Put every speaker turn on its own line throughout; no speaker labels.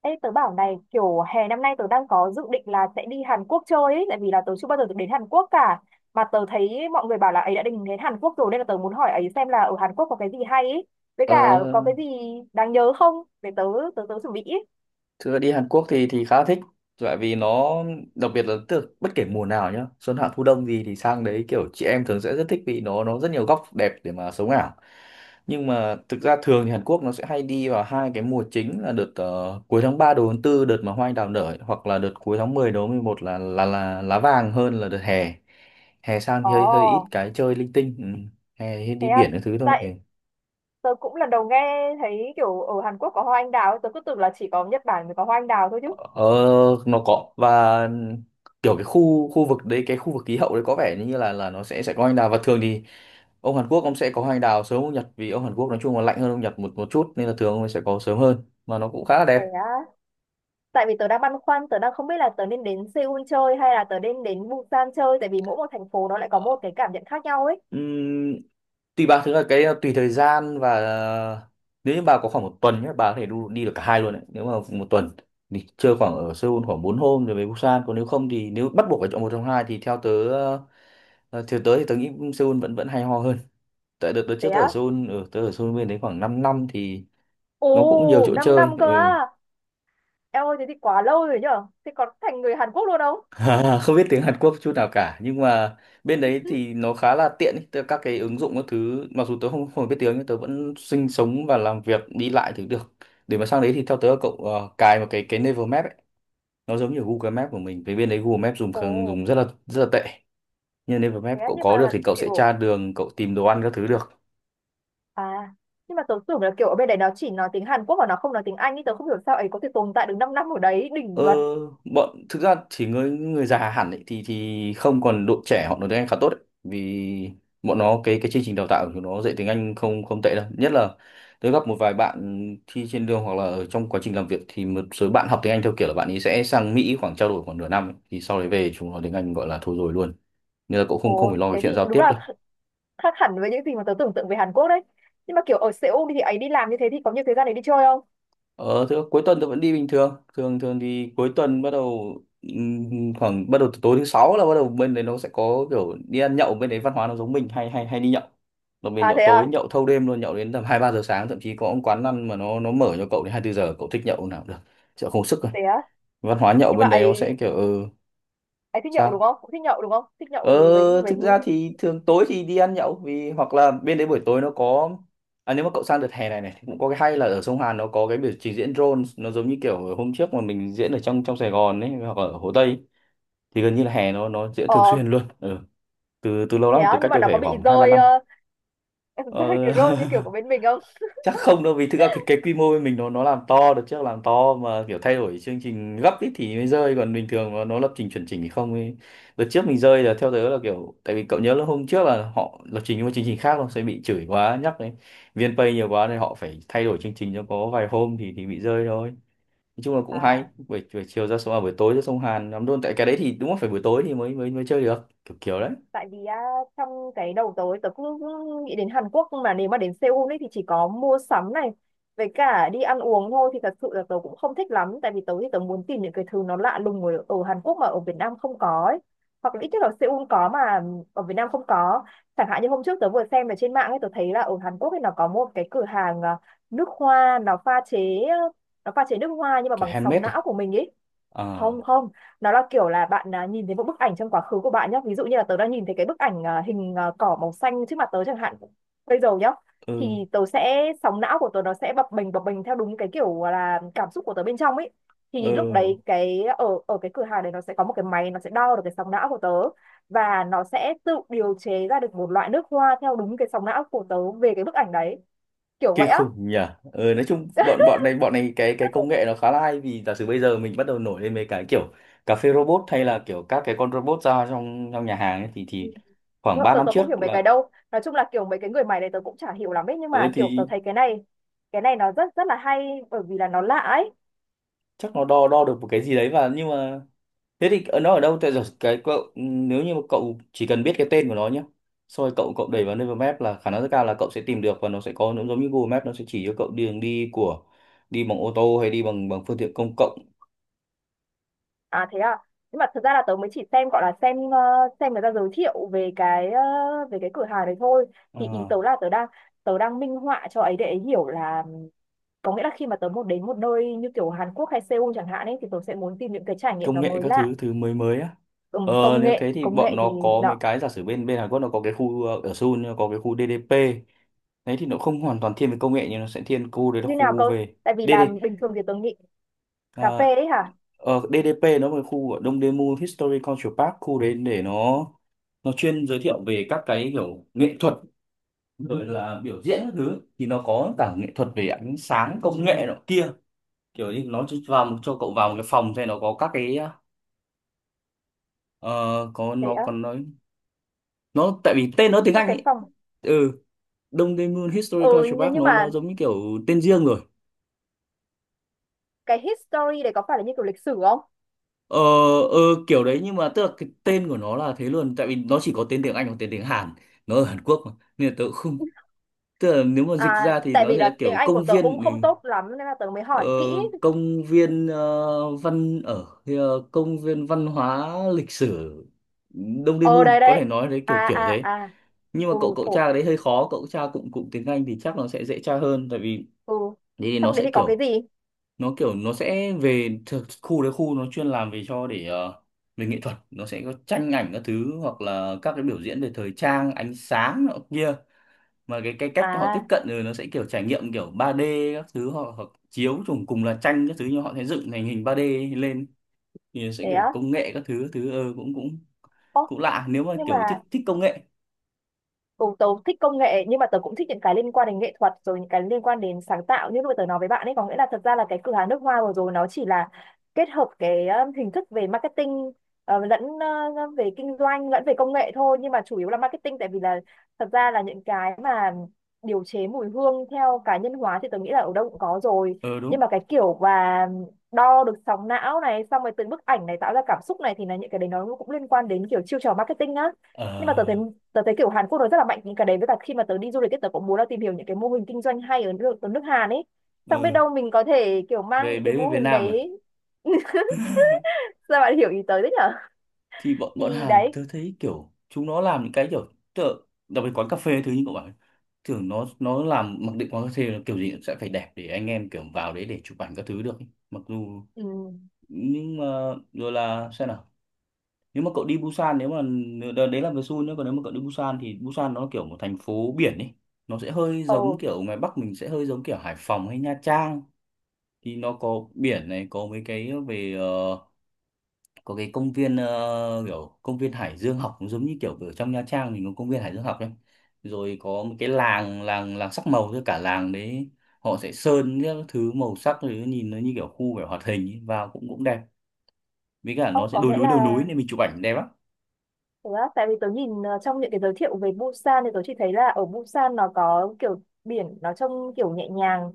Ê, tớ bảo này, kiểu hè năm nay tớ đang có dự định là sẽ đi Hàn Quốc chơi ấy, tại vì là tớ chưa bao giờ được đến Hàn Quốc cả. Mà tớ thấy mọi người bảo là ấy đã định đến Hàn Quốc rồi, nên là tớ muốn hỏi ấy xem là ở Hàn Quốc có cái gì hay ấy, với
Ờ,
cả có cái gì đáng nhớ không, để tớ tớ tớ chuẩn bị ý.
thưa đi Hàn Quốc thì khá thích, tại vì nó đặc biệt là tức bất kể mùa nào nhá, xuân hạ thu đông gì thì sang đấy kiểu chị em thường sẽ rất thích vì nó rất nhiều góc đẹp để mà sống ảo. Nhưng mà thực ra thường thì Hàn Quốc nó sẽ hay đi vào hai cái mùa chính là đợt cuối tháng 3 đầu tháng tư, đợt mà hoa anh đào nở ấy, hoặc là đợt cuối tháng 10 đầu tháng 11 là lá vàng, hơn là đợt hè. Hè sang thì
Ồ,
hơi hơi ít cái chơi linh tinh. Ừ. Hè đi
thế à.
biển cái thứ thôi. Ừ.
Tại tớ cũng lần đầu nghe thấy kiểu ở Hàn Quốc có hoa anh đào ấy. Tớ cứ tưởng là chỉ có Nhật Bản mới có hoa anh đào thôi chứ.
Ờ, nó có. Và kiểu cái khu khu vực đấy, cái khu vực khí hậu đấy có vẻ như là nó sẽ có hoa anh đào. Và thường thì ông Hàn Quốc ông sẽ có hoa anh đào sớm hơn Nhật, vì ông Hàn Quốc nói chung là lạnh hơn ông Nhật một một chút, nên là thường ông ấy sẽ có sớm hơn, mà nó cũng khá là đẹp.
Thế á, tại vì tớ đang băn khoăn, tớ đang không biết là tớ nên đến Seoul chơi hay là tớ nên đến Busan chơi, tại vì mỗi một thành phố nó lại có
Ờ,
một cái cảm nhận khác nhau ấy.
ừm, tùy bà thứ là cái tùy thời gian. Và nếu như bà có khoảng một tuần nhé, bà có thể đi được cả hai luôn đấy. Nếu mà một tuần thì chơi khoảng ở Seoul khoảng 4 hôm rồi về Busan. Còn nếu không thì nếu bắt buộc phải chọn một trong hai thì theo tớ, thì tớ nghĩ Seoul vẫn vẫn hay ho hơn. Tại đợt đợt
Thế
trước tớ ở
á?
Seoul, ừ, tớ ở Seoul bên đấy khoảng 5 năm thì nó cũng nhiều
Ồ,
chỗ
5 năm
chơi.
cơ
Ừ.
á. Em ơi, thế thì quá lâu rồi nhở? Thế còn thành người Hàn Quốc luôn không?
Không biết tiếng Hàn Quốc chút nào cả, nhưng mà bên đấy thì nó khá là tiện ý. Các cái ứng dụng các thứ mặc dù tớ không không biết tiếng, nhưng tớ vẫn sinh sống và làm việc đi lại thì được. Để mà sang đấy thì theo tớ là cậu cài một cái Naver Map ấy, nó giống như Google Maps của mình. Vì bên đấy Google Maps
Ồ,
dùng rất là tệ. Nhưng Naver Map
thế á,
cậu
nhưng
có được
mà
thì cậu sẽ
kiểu.
tra đường, cậu tìm đồ ăn các thứ được.
À, nhưng mà tớ tưởng là kiểu ở bên đấy nó chỉ nói tiếng Hàn Quốc và nó không nói tiếng Anh ý. Tớ không hiểu sao ấy có thể tồn tại được 5 năm ở đấy,
Ờ,
đỉnh vật.
bọn thực ra thì người người già hẳn ấy, thì không, còn đội trẻ họ nói tiếng Anh khá tốt ấy. Vì bọn nó cái chương trình đào tạo của nó dạy tiếng Anh không không tệ đâu, nhất là tôi gặp một vài bạn thi trên đường hoặc là ở trong quá trình làm việc thì một số bạn học tiếng Anh theo kiểu là bạn ấy sẽ sang Mỹ khoảng trao đổi khoảng nửa năm ấy. Thì sau đấy về chúng nó tiếng Anh gọi là thôi rồi luôn, nên là cũng không không phải
Ồ,
lo về
thế thì
chuyện giao
đúng
tiếp
là
đâu.
khác hẳn với những gì mà tớ tưởng tượng về Hàn Quốc đấy. Nhưng mà kiểu ở Seoul thì ấy đi làm như thế thì có nhiều thời gian để đi chơi không?
Ờ, thứ cuối tuần tôi vẫn đi bình thường. Thường thường thì cuối tuần bắt đầu khoảng bắt đầu từ tối thứ sáu, là bắt đầu bên đấy nó sẽ có kiểu đi ăn nhậu. Bên đấy văn hóa nó giống mình, hay hay hay đi nhậu. Nó về
À,
nhậu
thế
tối,
à,
nhậu thâu đêm luôn, nhậu đến tầm 2-3 giờ sáng, thậm chí có ông quán ăn mà nó mở cho cậu đến 24 giờ, cậu thích nhậu lúc nào cũng được. Chợ không sức rồi.
thế á.
Văn hóa nhậu
Nhưng mà
bên đấy nó sẽ
ấy
kiểu, ừ,
ấy thích nhậu đúng
sao?
không? Cũng thích nhậu đúng không? Thích
Ờ,
nhậu gì với
thực ra thì thường tối thì đi ăn nhậu, vì hoặc là bên đấy buổi tối nó có. À, nếu mà cậu sang đợt hè này này thì cũng có cái hay là ở sông Hàn nó có cái biểu trình diễn drone, nó giống như kiểu hôm trước mà mình diễn ở trong trong Sài Gòn ấy, hoặc ở Hồ Tây. Thì gần như là hè nó diễn thường
ờ
xuyên luôn, ừ, từ từ lâu
thế
lắm, từ
á,
cách
nhưng mà
đây
nó có
phải
bị
khoảng hai ba
rơi,
năm
em rơi
ờ,
cái role như kiểu của bên mình không?
Chắc không đâu, vì thực ra cái quy mô bên mình nó làm to được, chắc làm to mà kiểu thay đổi chương trình gấp ít thì mới rơi, còn bình thường nó lập trình chuẩn chỉnh thì không ấy. Đợt trước mình rơi là theo tớ là kiểu tại vì cậu nhớ là hôm trước là họ lập trình một chương trình khác, không sẽ bị chửi quá nhắc đấy, VnPay nhiều quá nên họ phải thay đổi chương trình cho có vài hôm thì bị rơi thôi. Nói chung là cũng hay
À,
buổi chiều ra sông, à, buổi tối ra sông Hàn lắm luôn, tại cái đấy thì đúng là phải buổi tối thì mới mới mới chơi được kiểu kiểu đấy.
tại vì á, trong cái đầu tớ tớ cũng nghĩ đến Hàn Quốc, nhưng mà nếu mà đến Seoul ấy thì chỉ có mua sắm này với cả đi ăn uống thôi thì thật sự là tớ cũng không thích lắm, tại vì tớ thì tớ muốn tìm những cái thứ nó lạ lùng ở Hàn Quốc mà ở Việt Nam không có ấy. Hoặc là ít nhất là Seoul có mà ở Việt Nam không có. Chẳng hạn như hôm trước tớ vừa xem ở trên mạng ấy, tớ thấy là ở Hàn Quốc ấy nó có một cái cửa hàng, à, nước hoa, nó pha chế nước hoa nhưng mà
Kiểu
bằng sóng
handmade
não
à?
của mình ấy. Không,
À,
không, nó là kiểu là bạn, à, nhìn thấy một bức ảnh trong quá khứ của bạn nhé, ví dụ như là tớ đã nhìn thấy cái bức ảnh, à, hình, à, cỏ màu xanh trước mặt tớ chẳng hạn, bây giờ nhá.
ừ,
Thì tớ sẽ, sóng não của tớ nó sẽ bập bềnh theo đúng cái kiểu là cảm xúc của tớ bên trong ấy.
ừ.
Thì lúc đấy cái ở ở cái cửa hàng đấy nó sẽ có một cái máy, nó sẽ đo được cái sóng não của tớ, và nó sẽ tự điều chế ra được một loại nước hoa theo đúng cái sóng não của tớ về cái bức ảnh đấy, kiểu vậy
Kinh
á.
khủng nhỉ. Nói chung bọn bọn này bọn này, cái công nghệ nó khá là hay, vì giả sử bây giờ mình bắt đầu nổi lên mấy cái kiểu cà phê robot hay là kiểu các cái con robot ra trong trong nhà hàng ấy, thì khoảng 3
Tớ,
năm
tớ không
trước
hiểu mấy cái
là
đâu, nói chung là kiểu mấy cái người mày này tớ cũng chả hiểu lắm ấy, nhưng
ờ
mà kiểu tớ
thì
thấy cái này nó rất rất là hay bởi vì là nó lạ ấy.
chắc nó đo đo được một cái gì đấy. Và nhưng mà thế thì nó ở đâu? Tại giờ cái cậu, ừ, nếu như mà cậu chỉ cần biết cái tên của nó nhé, xong rồi cậu cậu đẩy vào Naver Map là khả năng rất cao là cậu sẽ tìm được, và nó sẽ có, nó giống như Google Maps, nó sẽ chỉ cho cậu đường đi của đi bằng ô tô hay đi bằng bằng phương tiện công cộng.
À, thế à. Nhưng mà thật ra là tớ mới chỉ xem, gọi là xem, xem người ta giới thiệu về cái cửa hàng này thôi. Thì ý tớ
À,
là tớ đang minh họa cho ấy để ấy hiểu là, có nghĩa là khi mà tớ muốn đến một nơi như kiểu Hàn Quốc hay Seoul chẳng hạn ấy thì tớ sẽ muốn tìm những cái trải nghiệm
công
nó
nghệ
mới
các
lạ.
thứ thứ mới mới á.
Ừ, công
Nếu
nghệ
thế thì
công
bọn
nghệ thì
nó có mấy
đó.
cái, giả sử bên bên Hàn Quốc nó có cái khu, ở Seoul nó có cái khu DDP. Đấy thì nó không hoàn toàn thiên về công nghệ, nhưng nó sẽ thiên khu đấy là
Như nào
khu
cơ?
về
Tại vì là
DD,
bình thường thì tớ nghĩ. Cà
ờ,
phê ấy hả?
DDP nó là khu ở Dongdaemun History Cultural Park, khu đấy để nó chuyên giới thiệu về các cái kiểu nghệ thuật, rồi là biểu diễn các thứ, thì nó có cả nghệ thuật về ánh sáng công nghệ nọ kia. Kiểu như nó vào, cho cậu vào một cái phòng xem, nó có các cái ờ, có,
Thế
nó
á.
còn nói nó, tại vì tên nó tiếng
Các
Anh
cái
ấy.
phòng.
Ừ. Đông Tây Moon Historical
Ừ. nhưng
Park,
nhưng
nó
mà
giống như kiểu tên riêng rồi.
cái history đấy có phải là như kiểu lịch sử không?
Ờ, ờ, kiểu đấy. Nhưng mà tức là cái tên của nó là thế luôn, tại vì nó chỉ có tên tiếng Anh và tên tiếng Hàn, nó ở Hàn Quốc mà, nên là tớ cũng không. Tức là nếu mà dịch
À,
ra thì
tại
nó
vì
sẽ là
là tiếng
kiểu
Anh của
công
tớ cũng
viên, ừ,
không tốt lắm nên là tớ mới
ờ,
hỏi kỹ.
công viên, công viên văn hóa lịch sử Đông
Ờ,
Daemun,
đây
có thể
đấy.
nói đấy kiểu
À,
kiểu
à,
thế.
à.
Nhưng mà
Ừ,
cậu cậu tra
khổ.
cái đấy hơi khó, cụm tra cụm cụm tiếng Anh thì chắc nó sẽ dễ tra hơn, tại vì
Ừ.
thế thì nó
Trong đấy
sẽ
thì có cái
kiểu,
gì?
nó kiểu nó sẽ về khu đấy, khu nó chuyên làm về cho để, về nghệ thuật. Nó sẽ có tranh ảnh các thứ, hoặc là các cái biểu diễn về thời trang ánh sáng nọ kia, mà cái cách họ tiếp
À,
cận rồi, nó sẽ kiểu trải nghiệm kiểu ba d các thứ, hoặc chiếu trùng cùng là tranh các thứ nhưng họ sẽ dựng thành hình ba d lên, thì nó sẽ
thế
kiểu
á.
công nghệ các thứ cũng cũng
Ồ,
cũng lạ, nếu mà
nhưng
kiểu thích
mà.
thích công nghệ.
Ừ, tớ thích công nghệ nhưng mà tớ cũng thích những cái liên quan đến nghệ thuật, rồi những cái liên quan đến sáng tạo, như lúc mà tớ nói với bạn ấy, có nghĩa là thật ra là cái cửa hàng nước hoa vừa rồi nó chỉ là kết hợp cái hình thức về marketing, lẫn, về kinh doanh lẫn về công nghệ thôi, nhưng mà chủ yếu là marketing, tại vì là thật ra là những cái mà điều chế mùi hương theo cá nhân hóa thì tớ nghĩ là ở đâu cũng có rồi.
Ờ
Nhưng
đúng.
mà cái kiểu và đo được sóng não này, xong rồi từ bức ảnh này tạo ra cảm xúc này thì là những cái đấy nó cũng liên quan đến kiểu chiêu trò marketing á. Nhưng mà tớ thấy
Ờ,
tớ thấy kiểu Hàn Quốc nó rất là mạnh những cái đấy, với cả khi mà tớ đi du lịch ấy, tớ cũng muốn là tìm hiểu những cái mô hình kinh doanh hay ở nước Hàn ấy. Xong biết
ừ.
đâu mình có thể kiểu mang những cái
Về
mô
Việt
hình
Nam à?
đấy ra. Bạn hiểu ý tớ đấy nhở.
Thì bọn bọn
Thì
Hàn
đấy.
tớ thấy kiểu chúng nó làm những cái kiểu tớ, đặc biệt quán cà phê thứ như cậu bảo, tưởng nó làm mặc định quán cà phê là kiểu gì cũng sẽ phải đẹp để anh em kiểu vào đấy để chụp ảnh các thứ được ấy. Mặc dù
Ừ.
nhưng mà, rồi là xem nào. Nếu mà cậu đi Busan, nếu mà đấy là về Seoul nữa, còn nếu mà cậu đi Busan thì Busan nó kiểu một thành phố biển ấy, nó sẽ hơi
Ồ,
giống kiểu ngoài Bắc mình, sẽ hơi giống kiểu Hải Phòng hay Nha Trang. Thì nó có biển này, có mấy cái về, có cái công viên, kiểu công viên Hải Dương học, cũng giống như kiểu ở trong Nha Trang mình có công viên Hải Dương học ấy. Rồi có một cái làng làng làng sắc màu, với cả làng đấy họ sẽ sơn các thứ màu sắc, rồi nhìn nó như kiểu khu kiểu hoạt hình ấy, vào cũng cũng đẹp, với cả nó
ồ,
sẽ
có nghĩa là
đồi núi nên mình chụp ảnh đẹp lắm.
thật ra tại vì tớ nhìn, trong những cái giới thiệu về Busan thì tớ chỉ thấy là ở Busan nó có kiểu biển nó trông kiểu nhẹ nhàng,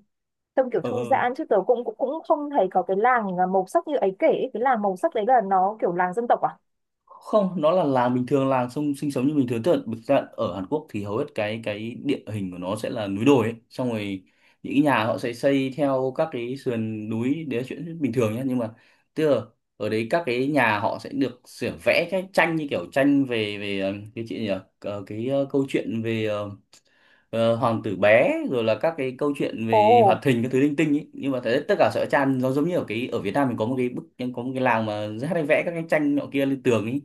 trông kiểu
Ờ,
thư
ờ.
giãn, chứ tớ cũng cũng cũng không thấy có cái làng, à, màu sắc như ấy kể ấy. Cái làng màu sắc đấy là nó kiểu làng dân tộc à?
Không, nó là làng bình thường, làng sông sinh sống như bình thường. Tức là thực ra ở Hàn Quốc thì hầu hết cái địa hình của nó sẽ là núi đồi ấy. Xong rồi những cái nhà họ sẽ xây theo các cái sườn núi, đấy là chuyện bình thường nhé. Nhưng mà tức là ở đấy các cái nhà họ sẽ được sửa vẽ cái tranh như kiểu tranh về về ờ, cái chuyện gì nhỉ? Câu chuyện về hoàng tử bé rồi là các cái câu chuyện về
Ồ.
hoạt hình các thứ linh tinh ấy. Nhưng mà thế tất cả sẽ tràn, nó giống như ở cái ở Việt Nam mình có một cái bức, có một cái làng mà rất hay vẽ các cái tranh nọ kia lên tường ấy,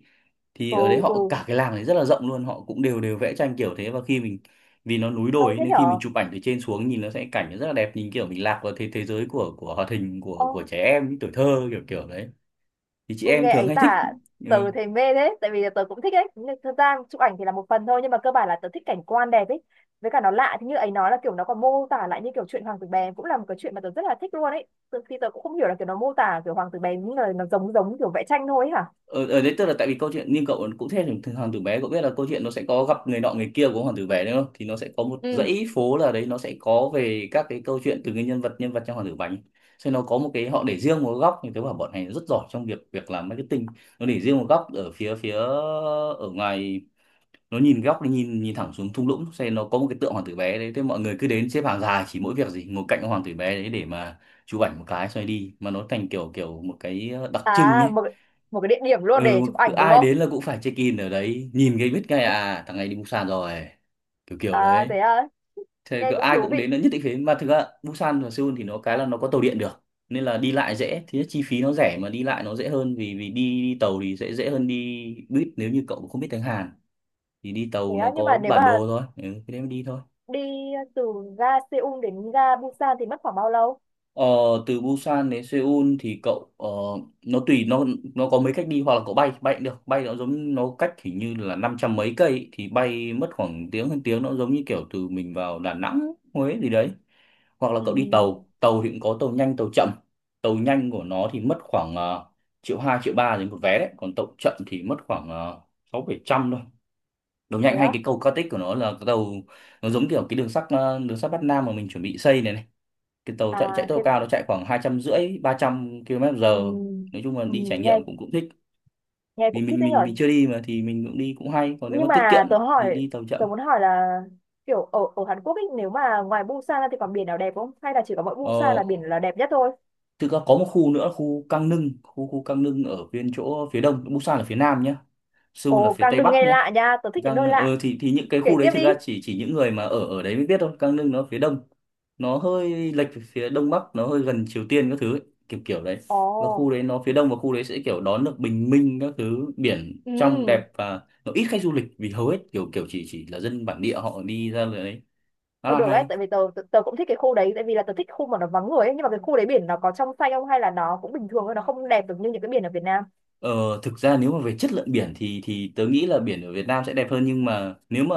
thì
Ừ.
ở đấy họ
Ừ.
cả cái làng đấy rất là rộng luôn, họ cũng đều đều vẽ tranh kiểu thế. Và khi mình, vì nó núi
Hay
đồi ấy,
thế
nên khi mình
nhở.
chụp ảnh từ trên xuống nhìn nó sẽ cảnh nó rất là đẹp, nhìn kiểu mình lạc vào thế thế giới của hoạt hình của
Ồ.
trẻ em tuổi thơ kiểu kiểu đấy, thì chị
Ôi
em
nghe
thường
ấy
hay thích.
tả
Ừ.
tớ thấy mê thế, tại vì tớ cũng thích ấy, nhưng thực ra chụp ảnh thì là một phần thôi, nhưng mà cơ bản là tớ thích cảnh quan đẹp ấy, với cả nó lạ. Thì như ấy nói là kiểu nó còn mô tả lại như kiểu chuyện Hoàng tử bè cũng là một cái chuyện mà tớ rất là thích luôn ấy thì tớ cũng không hiểu là kiểu nó mô tả kiểu Hoàng tử bè những lời nó giống giống kiểu vẽ tranh thôi ấy hả?
Ở đấy tức là tại vì câu chuyện, nhưng cậu cũng thế thì hoàng tử bé, cậu biết là câu chuyện nó sẽ có gặp người nọ người kia của hoàng tử bé đúng không, thì nó sẽ có một
Ừ,
dãy phố là đấy, nó sẽ có về các cái câu chuyện từ cái nhân vật trong hoàng tử bánh, nên nó có một cái họ để riêng một góc như thế. Bảo bọn này rất giỏi trong việc việc làm marketing. Nó để riêng một góc ở phía phía ở ngoài, nó nhìn góc, nó nhìn nhìn thẳng xuống thung lũng. Cho nên nó có một cái tượng hoàng tử bé đấy, thế mọi người cứ đến xếp hàng dài chỉ mỗi việc gì ngồi cạnh hoàng tử bé đấy để mà chụp ảnh một cái, xoay đi mà nó thành kiểu kiểu một cái đặc trưng ấy.
à, một một cái địa điểm luôn
Ừ,
để chụp
cứ
ảnh đúng
ai
không?
đến là cũng phải check in ở đấy, nhìn cái biết ngay, à thằng này đi Busan rồi, kiểu kiểu
À,
đấy.
thế à.
Thế
Nghe
cứ
cũng
ai
thú
cũng
vị.
đến là nhất định phải. Mà thực ra Busan và Seoul thì nó cái là nó có tàu điện được, nên là đi lại dễ. Thứ nhất chi phí nó rẻ mà đi lại nó dễ hơn, vì vì đi, đi tàu thì sẽ dễ hơn đi buýt, nếu như cậu không biết tiếng Hàn thì đi
Thế
tàu
à,
nó
nhưng mà
có
nếu mà
bản đồ thôi. Ừ, thế đấy mà đi thôi.
đi từ ga Seoul đến ga Busan thì mất khoảng bao lâu?
Ờ, Từ Busan đến Seoul thì cậu nó tùy nó có mấy cách đi. Hoặc là cậu bay, bay cũng được, bay nó giống nó cách hình như là 500 mấy cây ý, thì bay mất khoảng tiếng hơn tiếng, nó giống như kiểu từ mình vào Đà Nẵng, Huế gì đấy. Hoặc là
Ừ,
cậu đi tàu, tàu thì cũng có tàu nhanh tàu chậm. Tàu nhanh của nó thì mất khoảng uh, triệu hai triệu ba đến một vé đấy, còn tàu chậm thì mất khoảng sáu bảy trăm thôi. Tàu
thế
nhanh hay
á.
cái cầu cao tích của nó là cái tàu, nó giống kiểu cái đường sắt, đường sắt Bắc Nam mà mình chuẩn bị xây này này, cái tàu chạy chạy
À,
tốc
thế.
độ cao, nó chạy khoảng hai trăm rưỡi ba trăm km
Ừ,
giờ Nói chung là
ừ,
đi trải
nghe
nghiệm cũng cũng thích,
nghe
vì
cũng thích
mình
đấy
mình
nhở.
mình chưa đi mà thì mình cũng đi cũng hay. Còn nếu mà
Nhưng
tiết kiệm
mà
thì đi tàu
tớ
chậm.
muốn hỏi là, kiểu ở ở Hàn Quốc ấy, nếu mà ngoài Busan ra thì còn biển nào đẹp không, hay là chỉ có mỗi Busan
ờ
là biển là đẹp nhất thôi?
Thực ra có một khu nữa, khu Cang Nưng, khu khu Cang Nưng ở bên chỗ phía đông, Busan là phía nam nhá, Seoul là
Ồ,
phía
càng
tây
đừng
bắc
nghe
nhá.
lạ nha. Tớ thích những
Cang
nơi
Nưng
lạ.
ờ, thì những cái
Kể
khu đấy
tiếp
thực
đi.
ra chỉ những người mà ở ở đấy mới biết thôi. Cang Nưng nó phía đông, nó hơi lệch về phía đông bắc, nó hơi gần Triều Tiên các thứ ấy, kiểu kiểu đấy.
Ồ.
Và khu đấy nó phía đông, và khu đấy sẽ kiểu đón được bình minh các thứ, biển trong
Ừ.
đẹp và nó ít khách du lịch vì hầu hết kiểu kiểu chỉ là dân bản địa họ đi ra đấy, khá
ờ,
là
được đấy,
hay.
tại vì tớ, tớ cũng thích cái khu đấy, tại vì là tớ thích khu mà nó vắng người ấy, nhưng mà cái khu đấy biển nó có trong xanh không, hay là nó cũng bình thường thôi, nó không đẹp được như những cái biển ở Việt Nam.
Ờ, Thực ra nếu mà về chất lượng biển thì tớ nghĩ là biển ở Việt Nam sẽ đẹp hơn. Nhưng mà nếu mà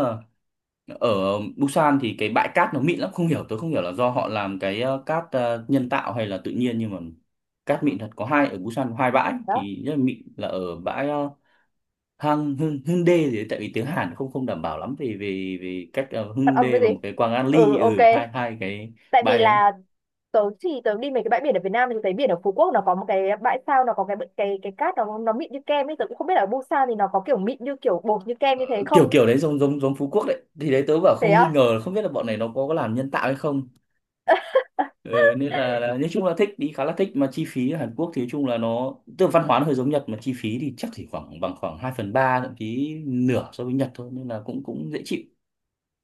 ở Busan thì cái bãi cát nó mịn lắm, không hiểu tôi không hiểu là do họ làm cái cát nhân tạo hay là tự nhiên, nhưng mà cát mịn thật. Có hai, ở Busan có hai bãi
Đó.
thì rất là mịn, là ở bãi hang Hưng Hyundai gì đấy, tại vì tiếng Hàn không không đảm bảo lắm vì vì vì cách ờ,
Phát âm cái
Hyundai và
gì?
một cái Quang An Ly,
Ừ, ok.
ừ hai hai cái
Tại vì
bãi đấy.
là tớ đi mấy cái bãi biển ở Việt Nam thì tớ thấy biển ở Phú Quốc nó có một cái bãi sao, nó có cái cát, nó mịn như kem ấy, tớ cũng không biết là ở Busan thì nó có kiểu mịn như kiểu bột như kem
Ờ,
như thế
kiểu
không.
kiểu đấy, giống giống giống Phú Quốc đấy, thì đấy tớ bảo
Thế
không nghi
á.
ngờ không biết là bọn này nó có làm nhân tạo hay không. Ừ, nên là nói chung là thích đi, khá là thích. Mà chi phí ở Hàn Quốc thì nói chung là nó, tức là văn hóa nó hơi giống Nhật mà chi phí thì chắc chỉ khoảng bằng khoảng 2/3 thậm chí nửa so với Nhật thôi, nên là cũng cũng dễ chịu.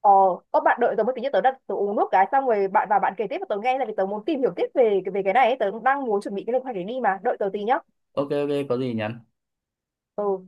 ờ có bạn đợi tớ một tí nhé, tớ đặt, tớ uống nước cái xong rồi bạn vào bạn kể tiếp và tớ nghe, là vì tớ muốn tìm hiểu tiếp về về cái này ấy. Tớ cũng đang muốn chuẩn bị cái lịch hoạch để đi, mà đợi tớ tí nhá.
OK OK, có gì nhắn.
Ừ.